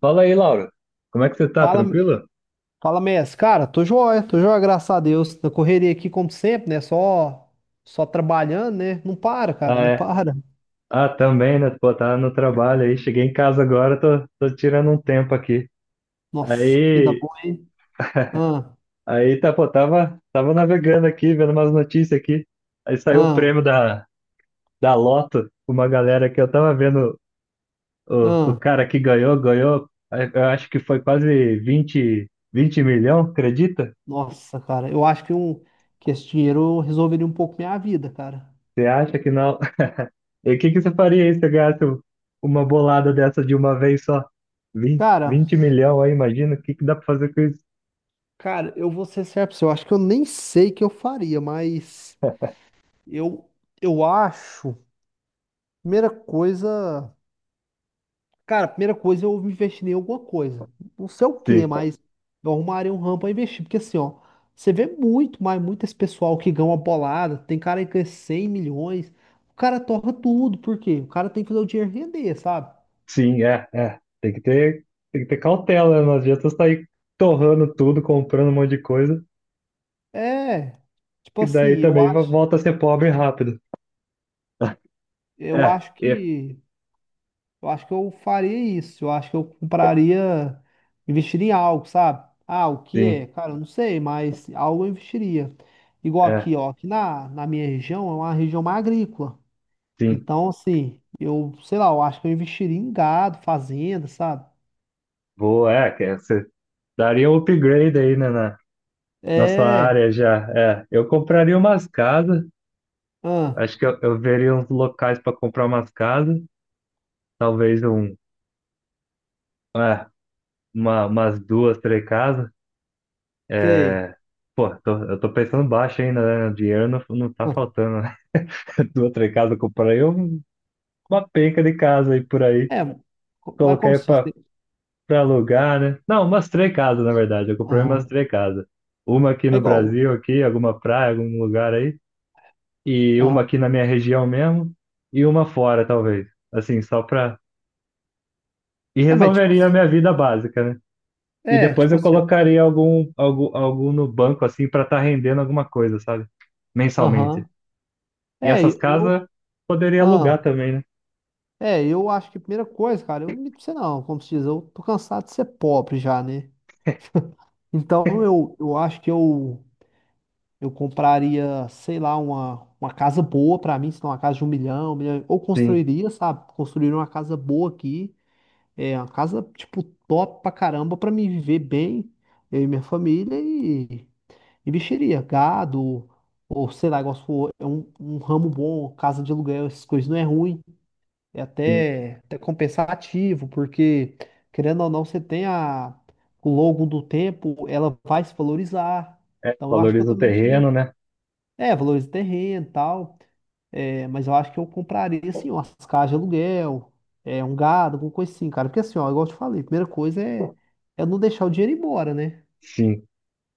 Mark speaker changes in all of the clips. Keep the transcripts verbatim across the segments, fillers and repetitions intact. Speaker 1: Fala aí, Laura. Como é que você tá?
Speaker 2: Fala,
Speaker 1: Tranquilo?
Speaker 2: fala, Messi. Cara, tô joia, tô joia, graças a Deus. Na correria aqui, como sempre, né? Só, só trabalhando, né? Não para,
Speaker 1: Ah,
Speaker 2: cara, não
Speaker 1: é.
Speaker 2: para.
Speaker 1: Ah, também, né? Pô, tá no trabalho aí. Cheguei em casa agora, tô, tô tirando um tempo aqui.
Speaker 2: Nossa, que vida
Speaker 1: Aí,
Speaker 2: boa, hein? Ah,
Speaker 1: aí tá, pô, tava, tava navegando aqui, vendo umas notícias aqui. Aí saiu o
Speaker 2: ah,
Speaker 1: prêmio da, da Loto, uma galera que eu tava vendo o, o
Speaker 2: ah.
Speaker 1: cara que ganhou, ganhou, eu acho que foi quase vinte, vinte milhões, acredita?
Speaker 2: Nossa, cara, eu acho que, um, que esse dinheiro resolveria um pouco minha vida, cara.
Speaker 1: Você acha que na, E o que que você faria aí se você ganhasse um- uma bolada dessa de uma vez só? Vinte
Speaker 2: Cara,
Speaker 1: 20 milhão aí, imagina, o que que dá pra fazer com isso?
Speaker 2: cara, eu vou ser certo pra você. Eu acho que eu nem sei o que eu faria, mas eu, eu acho. Primeira coisa. Cara, a primeira coisa é eu investir em alguma coisa. Não sei o que,
Speaker 1: Sim,
Speaker 2: mas eu arrumarei um ramo pra investir. Porque assim, ó, você vê muito, mas muito esse pessoal que ganha uma bolada. Tem cara aí que ganha cem milhões. O cara torra tudo, por quê? O cara tem que fazer o dinheiro render, sabe?
Speaker 1: sim, é, é. Tem que ter, tem que ter cautela, né? Não adianta sair torrando tudo, comprando um monte de coisa,
Speaker 2: É. Tipo
Speaker 1: que daí
Speaker 2: assim, eu
Speaker 1: também vo-
Speaker 2: acho,
Speaker 1: volta a ser pobre rápido.
Speaker 2: eu
Speaker 1: É,
Speaker 2: acho
Speaker 1: é,
Speaker 2: que Eu acho que eu faria isso. Eu acho que eu compraria, investiria em algo, sabe? Ah, o que
Speaker 1: sim,
Speaker 2: é? Cara, eu não sei, mas algo eu investiria. Igual
Speaker 1: é,
Speaker 2: aqui, ó, aqui na, na minha região é uma região mais agrícola.
Speaker 1: sim.
Speaker 2: Então, assim, eu, sei lá, eu acho que eu investiria em gado, fazenda, sabe?
Speaker 1: Boa, é, que você daria um upgrade aí, né, na, na sua
Speaker 2: É,
Speaker 1: área já. É, eu compraria umas casas,
Speaker 2: ah,
Speaker 1: acho que eu, eu veria uns locais para comprar umas casas, talvez um, é, uma, umas duas, três casas.
Speaker 2: sei.
Speaker 1: É, pô, tô- eu tô pensando baixo ainda, né? Dinheiro não, não tá
Speaker 2: Ah,
Speaker 1: faltando, né? Duas, três casas, eu comprei um- uma penca de casa aí por aí.
Speaker 2: é, co- mas como
Speaker 1: Coloquei
Speaker 2: se diz,
Speaker 1: pra,
Speaker 2: né?
Speaker 1: pra alugar, né? Não, umas três casas, na verdade. Eu comprei umas
Speaker 2: Aham.
Speaker 1: três casas. Uma aqui
Speaker 2: É
Speaker 1: no
Speaker 2: igual.
Speaker 1: Brasil, aqui, alguma praia, algum lugar aí. E uma
Speaker 2: Aham.
Speaker 1: aqui na minha região mesmo. E uma fora, talvez. Assim, só pra. E
Speaker 2: Não, mas tipo
Speaker 1: resolveria a
Speaker 2: assim,
Speaker 1: minha vida básica, né? E
Speaker 2: é,
Speaker 1: depois
Speaker 2: tipo
Speaker 1: eu
Speaker 2: assim, ó.
Speaker 1: colocaria algum, algum, algum no banco, assim, para estar rendendo alguma coisa, sabe? Mensalmente.
Speaker 2: Aham.
Speaker 1: E
Speaker 2: É,
Speaker 1: essas
Speaker 2: eu, eu-
Speaker 1: casas poderia alugar
Speaker 2: ah.
Speaker 1: também, né?
Speaker 2: É, eu acho que a primeira coisa, cara, eu não minto pra você não, como se diz, eu tô cansado de ser pobre já, né? Então eu, eu acho que eu, eu compraria, sei lá, uma, uma casa boa pra mim, se não uma casa de um milhão, um milhão, ou
Speaker 1: Sim,
Speaker 2: construiria, sabe? Construiria uma casa boa aqui, é, uma casa, tipo, top pra caramba pra mim viver bem, eu e minha família e, e mexeria, gado, ou sei lá, igual se for, é um, um ramo bom, casa de aluguel, essas coisas não é ruim é
Speaker 1: sim.
Speaker 2: até, até compensativo, porque, querendo ou não, você tem a, ao longo do tempo, ela vai se valorizar.
Speaker 1: É,
Speaker 2: Então, eu acho que eu
Speaker 1: valoriza o
Speaker 2: também
Speaker 1: terreno,
Speaker 2: mexeria.
Speaker 1: né?
Speaker 2: É, valoriza o terreno e tal. É, mas eu acho que eu compraria, assim, umas casas de aluguel, é, um gado, alguma coisa assim, cara. Porque, assim, ó, igual eu te falei, a primeira coisa é, é não deixar o dinheiro ir embora, né?
Speaker 1: Sim.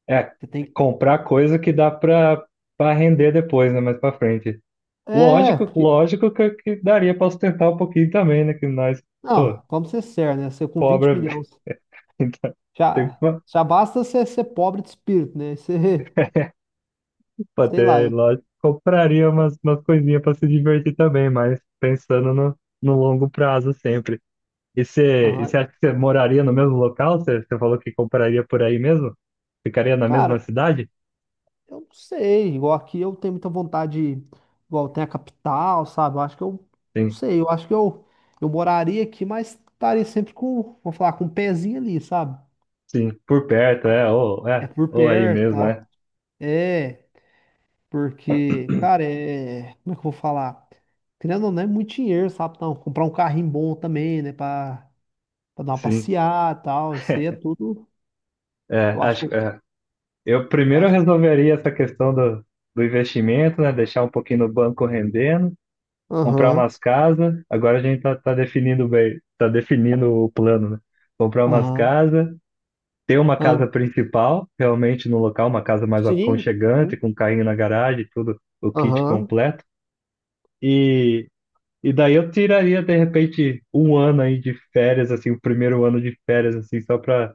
Speaker 1: É,
Speaker 2: Você tem.
Speaker 1: comprar coisa que dá para para render depois, né? Mais para frente.
Speaker 2: É,
Speaker 1: Lógico,
Speaker 2: porque.
Speaker 1: lógico que, que daria para sustentar um pouquinho também, né? Que nós, pô,
Speaker 2: Não, vamos ser sérios, né? Você com vinte
Speaker 1: pobre,
Speaker 2: milhões.
Speaker 1: tem que
Speaker 2: Já, já basta você ser pobre de espírito, né? Você,
Speaker 1: pô,
Speaker 2: sei lá,
Speaker 1: até,
Speaker 2: eu.
Speaker 1: lógico, compraria umas, umas coisinhas para se divertir também, mas pensando no, no longo prazo sempre. E você e você
Speaker 2: Aham.
Speaker 1: acha que você moraria no mesmo local? Você você falou que compraria por aí mesmo? Ficaria na mesma
Speaker 2: Cara,
Speaker 1: cidade?
Speaker 2: eu não sei, igual aqui eu tenho muita vontade, igual tem a capital, sabe? Eu acho que eu, não
Speaker 1: Sim,
Speaker 2: sei, eu acho que eu, eu moraria aqui, mas estaria sempre com, vou falar, com um pezinho ali, sabe?
Speaker 1: sim, por perto, é, ou,
Speaker 2: É
Speaker 1: é,
Speaker 2: por
Speaker 1: ou aí
Speaker 2: perto,
Speaker 1: mesmo,
Speaker 2: tá?
Speaker 1: é.
Speaker 2: É, porque, cara, é, como é que eu vou falar? Querendo ou não, é muito dinheiro, sabe? Então, comprar um carrinho bom também, né? Pra, pra dar uma
Speaker 1: Sim,
Speaker 2: passeada e tal, isso aí é tudo,
Speaker 1: é,
Speaker 2: eu acho que
Speaker 1: acho,
Speaker 2: eu,
Speaker 1: é. Eu
Speaker 2: eu
Speaker 1: Primeiro eu
Speaker 2: acho.
Speaker 1: resolveria essa questão do, do investimento, né? Deixar um pouquinho no banco rendendo, comprar
Speaker 2: Aham,
Speaker 1: umas casas. Agora a gente tá, tá definindo bem, tá definindo o plano, né? Comprar umas
Speaker 2: aham,
Speaker 1: casas, ter uma casa
Speaker 2: aham.
Speaker 1: principal, realmente no local, uma casa mais
Speaker 2: Sim,
Speaker 1: aconchegante,
Speaker 2: hum,
Speaker 1: com carrinho na garagem, tudo, o kit
Speaker 2: aham,
Speaker 1: completo. E, e daí eu tiraria, de repente, um ano aí de férias, assim, o primeiro ano de férias, assim, só pra,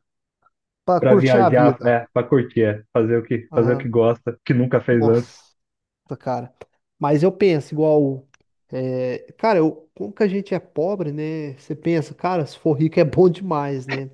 Speaker 2: pra
Speaker 1: pra
Speaker 2: curtir a
Speaker 1: viajar, é,
Speaker 2: vida.
Speaker 1: pra curtir, é, fazer o que, fazer o que
Speaker 2: Aham.
Speaker 1: gosta, que nunca fez antes.
Speaker 2: Nossa, cara. Mas eu penso igual. É, cara, eu, como que a gente é pobre, né? Você pensa, cara, se for rico é bom demais, né?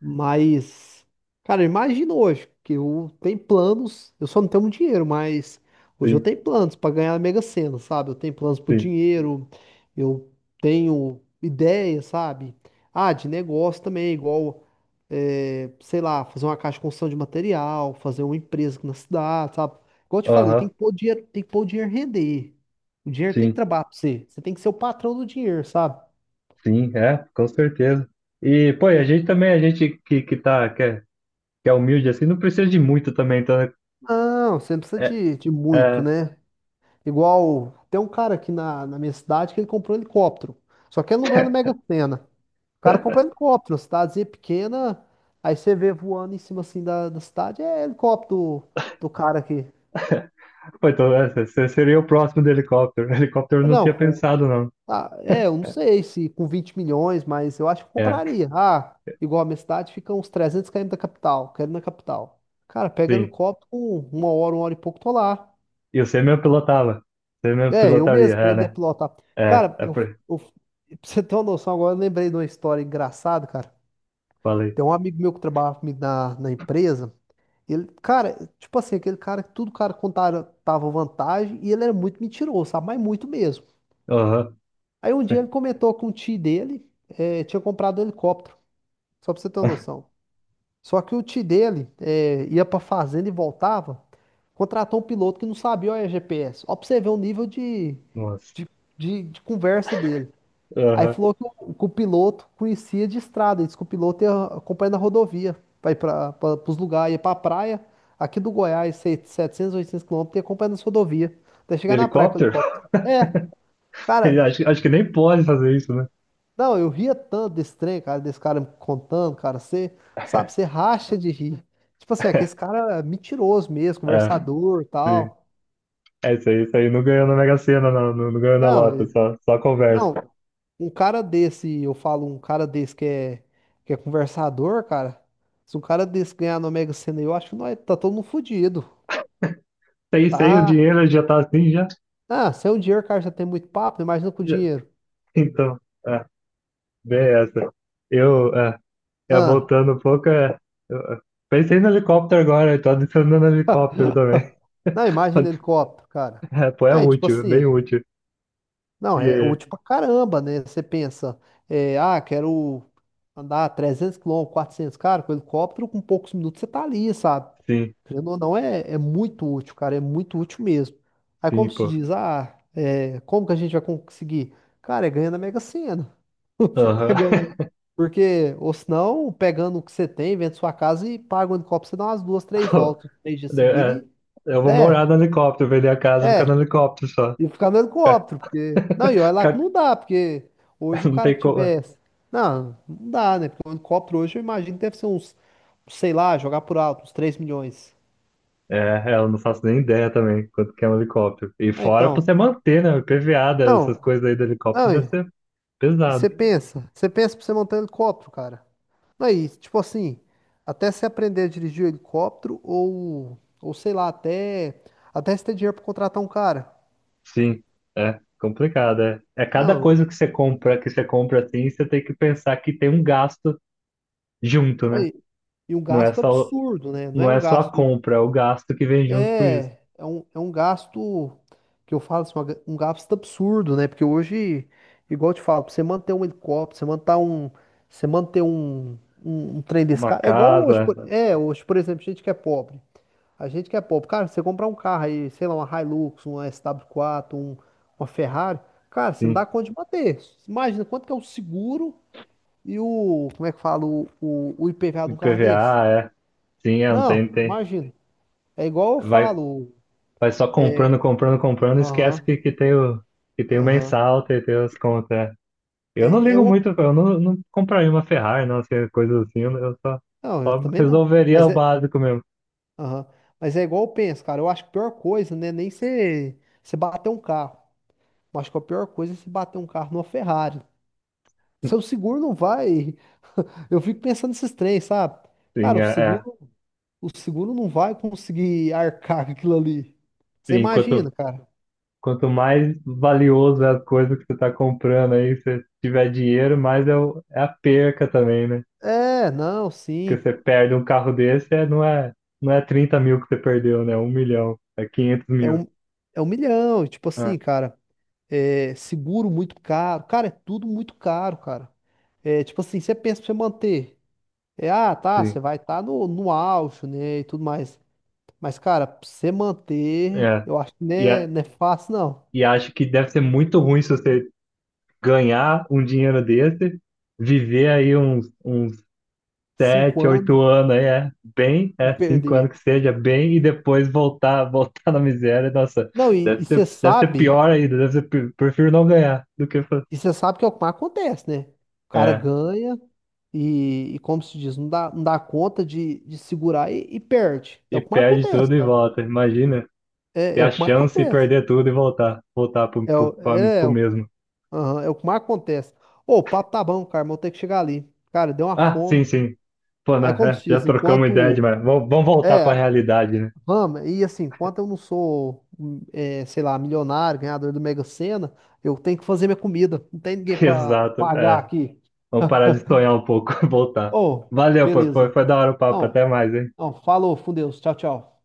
Speaker 2: Mas, cara, imagina hoje que eu tenho planos, eu só não tenho muito dinheiro, mas hoje eu
Speaker 1: Sim,
Speaker 2: tenho planos para ganhar a Mega Sena, sabe? Eu tenho planos pro
Speaker 1: sim.
Speaker 2: dinheiro, eu tenho ideias, sabe? Ah, de negócio também, igual, eh, sei lá, fazer uma caixa de construção de material, fazer uma empresa aqui na cidade, sabe? Igual eu te falei, tem
Speaker 1: Aham,
Speaker 2: que pôr o dinheiro, tem que pôr o dinheiro render. O dinheiro tem que
Speaker 1: sim.
Speaker 2: trabalhar pra você. Você tem que ser o patrão do dinheiro, sabe?
Speaker 1: Sim, é, com certeza. E, pô, e a
Speaker 2: Hum.
Speaker 1: gente também, a gente que, que tá, que é, que é humilde assim, não precisa de muito também, então, né,
Speaker 2: Não, você não precisa
Speaker 1: é,
Speaker 2: de, de muito,
Speaker 1: é,
Speaker 2: né? Igual, tem um cara aqui na, na minha cidade que ele comprou um helicóptero. Só que ele não ganha na Mega Sena. O cara comprou um helicóptero, uma cidadezinha pequena. Aí você vê voando em cima assim da, da cidade, é helicóptero do, do cara aqui.
Speaker 1: pô, então é, você seria o próximo do helicóptero. Helicóptero eu
Speaker 2: É,
Speaker 1: não
Speaker 2: não,
Speaker 1: tinha
Speaker 2: com,
Speaker 1: pensado, não.
Speaker 2: ah, é, eu não sei se com vinte milhões, mas eu acho que eu
Speaker 1: É,
Speaker 2: compraria. Ah, igual a minha cidade fica uns trezentos quilômetros da capital, quero ir na capital. Cara, pega
Speaker 1: sim.
Speaker 2: helicóptero, com uma hora, uma hora e pouco, tô lá.
Speaker 1: E você mesmo pilotava. Você mesmo
Speaker 2: É, eu
Speaker 1: pilotaria,
Speaker 2: mesmo, pra
Speaker 1: é,
Speaker 2: ele
Speaker 1: né?
Speaker 2: deplotar.
Speaker 1: É,
Speaker 2: Cara,
Speaker 1: é,
Speaker 2: eu,
Speaker 1: por-
Speaker 2: eu, pra você ter uma noção agora, eu lembrei de uma história engraçada, cara.
Speaker 1: falei.
Speaker 2: Tem um amigo meu que trabalhava comigo na, na empresa. Ele, cara, tipo assim, aquele cara que tudo cara contava tava vantagem e ele era muito mentiroso, sabe? Mas muito mesmo.
Speaker 1: Aham.
Speaker 2: Aí um dia ele comentou que um tio dele eh, tinha comprado um helicóptero, só pra você ter uma noção. Só que o tio dele eh, ia pra fazenda e voltava, contratou um piloto que não sabia o G P S. Ó, pra você ver o nível de,
Speaker 1: Nossa.
Speaker 2: de, de de conversa dele. Aí
Speaker 1: Aham.
Speaker 2: falou que o, que o piloto conhecia de estrada, disse que o piloto ia acompanhando a rodovia, vai para os lugares, ia para a praia, aqui do Goiás, sei- setecentos, oitocentos quilômetros, ia acompanhando as rodovias, até
Speaker 1: De
Speaker 2: chegar na praia com o
Speaker 1: helicóptero?
Speaker 2: helicóptero. É, cara,
Speaker 1: Acho, acho que nem pode fazer isso, né?
Speaker 2: não, eu ria tanto desse trem, cara, desse cara me contando, cara, você, sabe, você racha de rir. Tipo assim, é que esse cara é mentiroso mesmo,
Speaker 1: É,
Speaker 2: conversador e
Speaker 1: sim.
Speaker 2: tal.
Speaker 1: É isso aí, isso aí. Não ganhou na Mega Sena, não. Não, não ganhou na Lota,
Speaker 2: Não,
Speaker 1: só, só conversa.
Speaker 2: não, um cara desse, eu falo, um cara desse que é, que é conversador, cara. Se um cara desse ganhar no Mega Sena, eu acho que nós tá todo mundo fudido.
Speaker 1: Sei, sei, o
Speaker 2: Tá.
Speaker 1: dinheiro já tá assim, já,
Speaker 2: Ah, sem o dinheiro, cara, já tem muito papo, imagina com o
Speaker 1: já.
Speaker 2: dinheiro.
Speaker 1: Então, é, bem essa. Eu, é, é,
Speaker 2: Ah,
Speaker 1: voltando um pouco, é, eu, é, pensei no helicóptero agora, eu tô adicionando helicóptero também.
Speaker 2: não, imagina o helicóptero, cara.
Speaker 1: É, pô, é
Speaker 2: Aí, tipo
Speaker 1: útil, é bem
Speaker 2: assim.
Speaker 1: útil.
Speaker 2: Não, é
Speaker 1: E,
Speaker 2: útil pra caramba, né? Você pensa, é, ah, quero andar trezentos quilômetros, quatrocentos, cara, com helicóptero, com poucos minutos você tá ali, sabe?
Speaker 1: sim,
Speaker 2: Querendo ou não, é, é muito útil, cara, é muito útil mesmo. Aí
Speaker 1: sim,
Speaker 2: como se
Speaker 1: pô.
Speaker 2: diz, ah, é, como que a gente vai conseguir? Cara, é ganhando a Mega Sena. É
Speaker 1: Aham.
Speaker 2: ganhando, a- Mega- porque, ou senão, pegando o que você tem, vende sua casa e paga o helicóptero, você dá umas duas, três
Speaker 1: Pô,
Speaker 2: voltas, três dias seguidos
Speaker 1: é,
Speaker 2: e...
Speaker 1: eu vou morar
Speaker 2: É,
Speaker 1: no helicóptero, vender a casa, ficar no
Speaker 2: é.
Speaker 1: helicóptero só.
Speaker 2: E ficar no
Speaker 1: Ficar-
Speaker 2: helicóptero, porque. Não, e olha lá que
Speaker 1: ficar-
Speaker 2: não dá, porque hoje o
Speaker 1: Não
Speaker 2: cara
Speaker 1: tem
Speaker 2: que
Speaker 1: como.
Speaker 2: tivesse. Não, não dá, né? Porque o helicóptero hoje eu imagino que deve ser uns, sei lá, jogar por alto, uns três milhões.
Speaker 1: É, é, eu não faço nem ideia também quanto que é um helicóptero. E
Speaker 2: Ah,
Speaker 1: fora pra
Speaker 2: então.
Speaker 1: você manter, né? P V A, essas
Speaker 2: Não,
Speaker 1: coisas aí do helicóptero
Speaker 2: não,
Speaker 1: deve
Speaker 2: e
Speaker 1: ser
Speaker 2: e
Speaker 1: pesado,
Speaker 2: você pensa, você pensa, pra você montar um helicóptero, cara. Não, e tipo assim, até você aprender a dirigir o helicóptero, ou, ou sei lá, até, até você ter dinheiro pra contratar um cara.
Speaker 1: sim, é complicado, é. É cada
Speaker 2: Não,
Speaker 1: coisa que você compra, que você compra assim, você tem que pensar que tem um gasto junto, né?
Speaker 2: aí. E um
Speaker 1: Não é
Speaker 2: gasto
Speaker 1: só,
Speaker 2: absurdo, né? Não
Speaker 1: não
Speaker 2: é um
Speaker 1: é só a
Speaker 2: gasto.
Speaker 1: compra, é o gasto que vem junto com isso.
Speaker 2: É, é um, é um gasto que eu falo assim, uma ga- um gasto absurdo, né? Porque hoje, igual eu te falo, pra você manter um helicóptero, você manter um, você manter um, um, um trem desse
Speaker 1: Uma
Speaker 2: carro, é igual hoje,
Speaker 1: casa,
Speaker 2: por- é, hoje, por exemplo, gente que é pobre, a gente que é pobre, cara, você comprar um carro aí, sei lá, uma Hilux, uma S W quatro, um, uma Ferrari, cara, você não
Speaker 1: assim,
Speaker 2: dá conta de manter. Imagina quanto que é o seguro e o, como é que fala, o, o, o ipeva de um carro desse?
Speaker 1: I P V A, é. Sim, é, não tem,
Speaker 2: Não,
Speaker 1: tem.
Speaker 2: imagina. É igual eu
Speaker 1: Vai,
Speaker 2: falo,
Speaker 1: Vai só comprando, comprando, comprando, esquece
Speaker 2: aham.
Speaker 1: que, que tem o, que tem o
Speaker 2: Aham.
Speaker 1: mensal, tem, tem as contas, é. Eu não
Speaker 2: É, é
Speaker 1: ligo
Speaker 2: uma...
Speaker 1: muito, eu não, não compraria uma Ferrari, não, assim, coisa assim, eu só,
Speaker 2: Não, eu
Speaker 1: só
Speaker 2: também não.
Speaker 1: resolveria
Speaker 2: Mas
Speaker 1: o
Speaker 2: é,
Speaker 1: básico mesmo.
Speaker 2: aham. Mas é igual eu penso, cara. Eu acho que a pior coisa, né? Nem você você bater um carro. Eu acho que a pior coisa é você bater um carro numa Ferrari. Seu seguro não vai. Eu fico pensando nesses trens, sabe?
Speaker 1: Sim,
Speaker 2: Cara,
Speaker 1: é,
Speaker 2: o
Speaker 1: é.
Speaker 2: seguro, o seguro não vai conseguir arcar com aquilo ali. Você
Speaker 1: Sim,
Speaker 2: imagina,
Speaker 1: quanto,
Speaker 2: cara?
Speaker 1: quanto mais valioso é a coisa que você está comprando aí, se você tiver dinheiro, mais é, o, é a perca também, né?
Speaker 2: É, não,
Speaker 1: Porque
Speaker 2: sim.
Speaker 1: você perde um carro desse, é, não é, não é trinta mil que você perdeu, né? Um milhão, é quinhentos
Speaker 2: É
Speaker 1: mil.
Speaker 2: um, é um milhão. Tipo
Speaker 1: Ah,
Speaker 2: assim, cara. É, seguro muito caro. Cara, é tudo muito caro, cara. É, tipo assim, você pensa pra você manter. É, ah, tá,
Speaker 1: sim.
Speaker 2: você vai estar no, no auge, né? E tudo mais. Mas, cara, pra você manter,
Speaker 1: É.
Speaker 2: eu acho que não
Speaker 1: E,
Speaker 2: é,
Speaker 1: a-
Speaker 2: não é fácil, não.
Speaker 1: e acho que deve ser muito ruim se você ganhar um dinheiro desse, viver aí uns, uns
Speaker 2: Cinco
Speaker 1: sete,
Speaker 2: anos
Speaker 1: oito anos aí, é bem,
Speaker 2: e
Speaker 1: é cinco anos
Speaker 2: perder.
Speaker 1: que seja, bem, e depois voltar, voltar na miséria, nossa,
Speaker 2: Não, e,
Speaker 1: deve
Speaker 2: e você
Speaker 1: ser, deve ser
Speaker 2: sabe,
Speaker 1: pior ainda, deve ser, pi- prefiro não ganhar do que, fa-
Speaker 2: e você sabe que é o que mais acontece, né? O cara
Speaker 1: é,
Speaker 2: ganha e, e como se diz, não dá, não dá conta de, de segurar e, e perde. É
Speaker 1: e
Speaker 2: o que mais
Speaker 1: perde
Speaker 2: acontece,
Speaker 1: tudo e
Speaker 2: cara.
Speaker 1: volta, imagina, ter
Speaker 2: É, é
Speaker 1: a
Speaker 2: o que mais
Speaker 1: chance de
Speaker 2: acontece.
Speaker 1: perder tudo e voltar, voltar pro,
Speaker 2: É,
Speaker 1: pro,
Speaker 2: o-
Speaker 1: pra-
Speaker 2: é,
Speaker 1: pro mesmo.
Speaker 2: aham, é o que mais acontece. Ô, o papo tá bom, cara, mas eu tenho que chegar ali. Cara, deu uma
Speaker 1: Ah, sim,
Speaker 2: fome.
Speaker 1: sim, pô,
Speaker 2: Aí,
Speaker 1: né,
Speaker 2: como se
Speaker 1: é, já
Speaker 2: diz,
Speaker 1: trocamos ideia
Speaker 2: enquanto.
Speaker 1: demais, vamos, vamos voltar pra
Speaker 2: É,
Speaker 1: realidade, né?
Speaker 2: vamos, e assim, enquanto eu não sou, hum, é, sei lá, milionário, ganhador do Mega Sena, eu tenho que fazer minha comida. Não tem ninguém pra pra
Speaker 1: Exato,
Speaker 2: pagar
Speaker 1: é,
Speaker 2: aqui.
Speaker 1: vamos parar de sonhar um pouco, voltar.
Speaker 2: Ô,
Speaker 1: Valeu, pô, foi,
Speaker 2: beleza.
Speaker 1: foi da hora o papo,
Speaker 2: Não,
Speaker 1: até mais, hein?
Speaker 2: não, falou, com Deus. Tchau, tchau.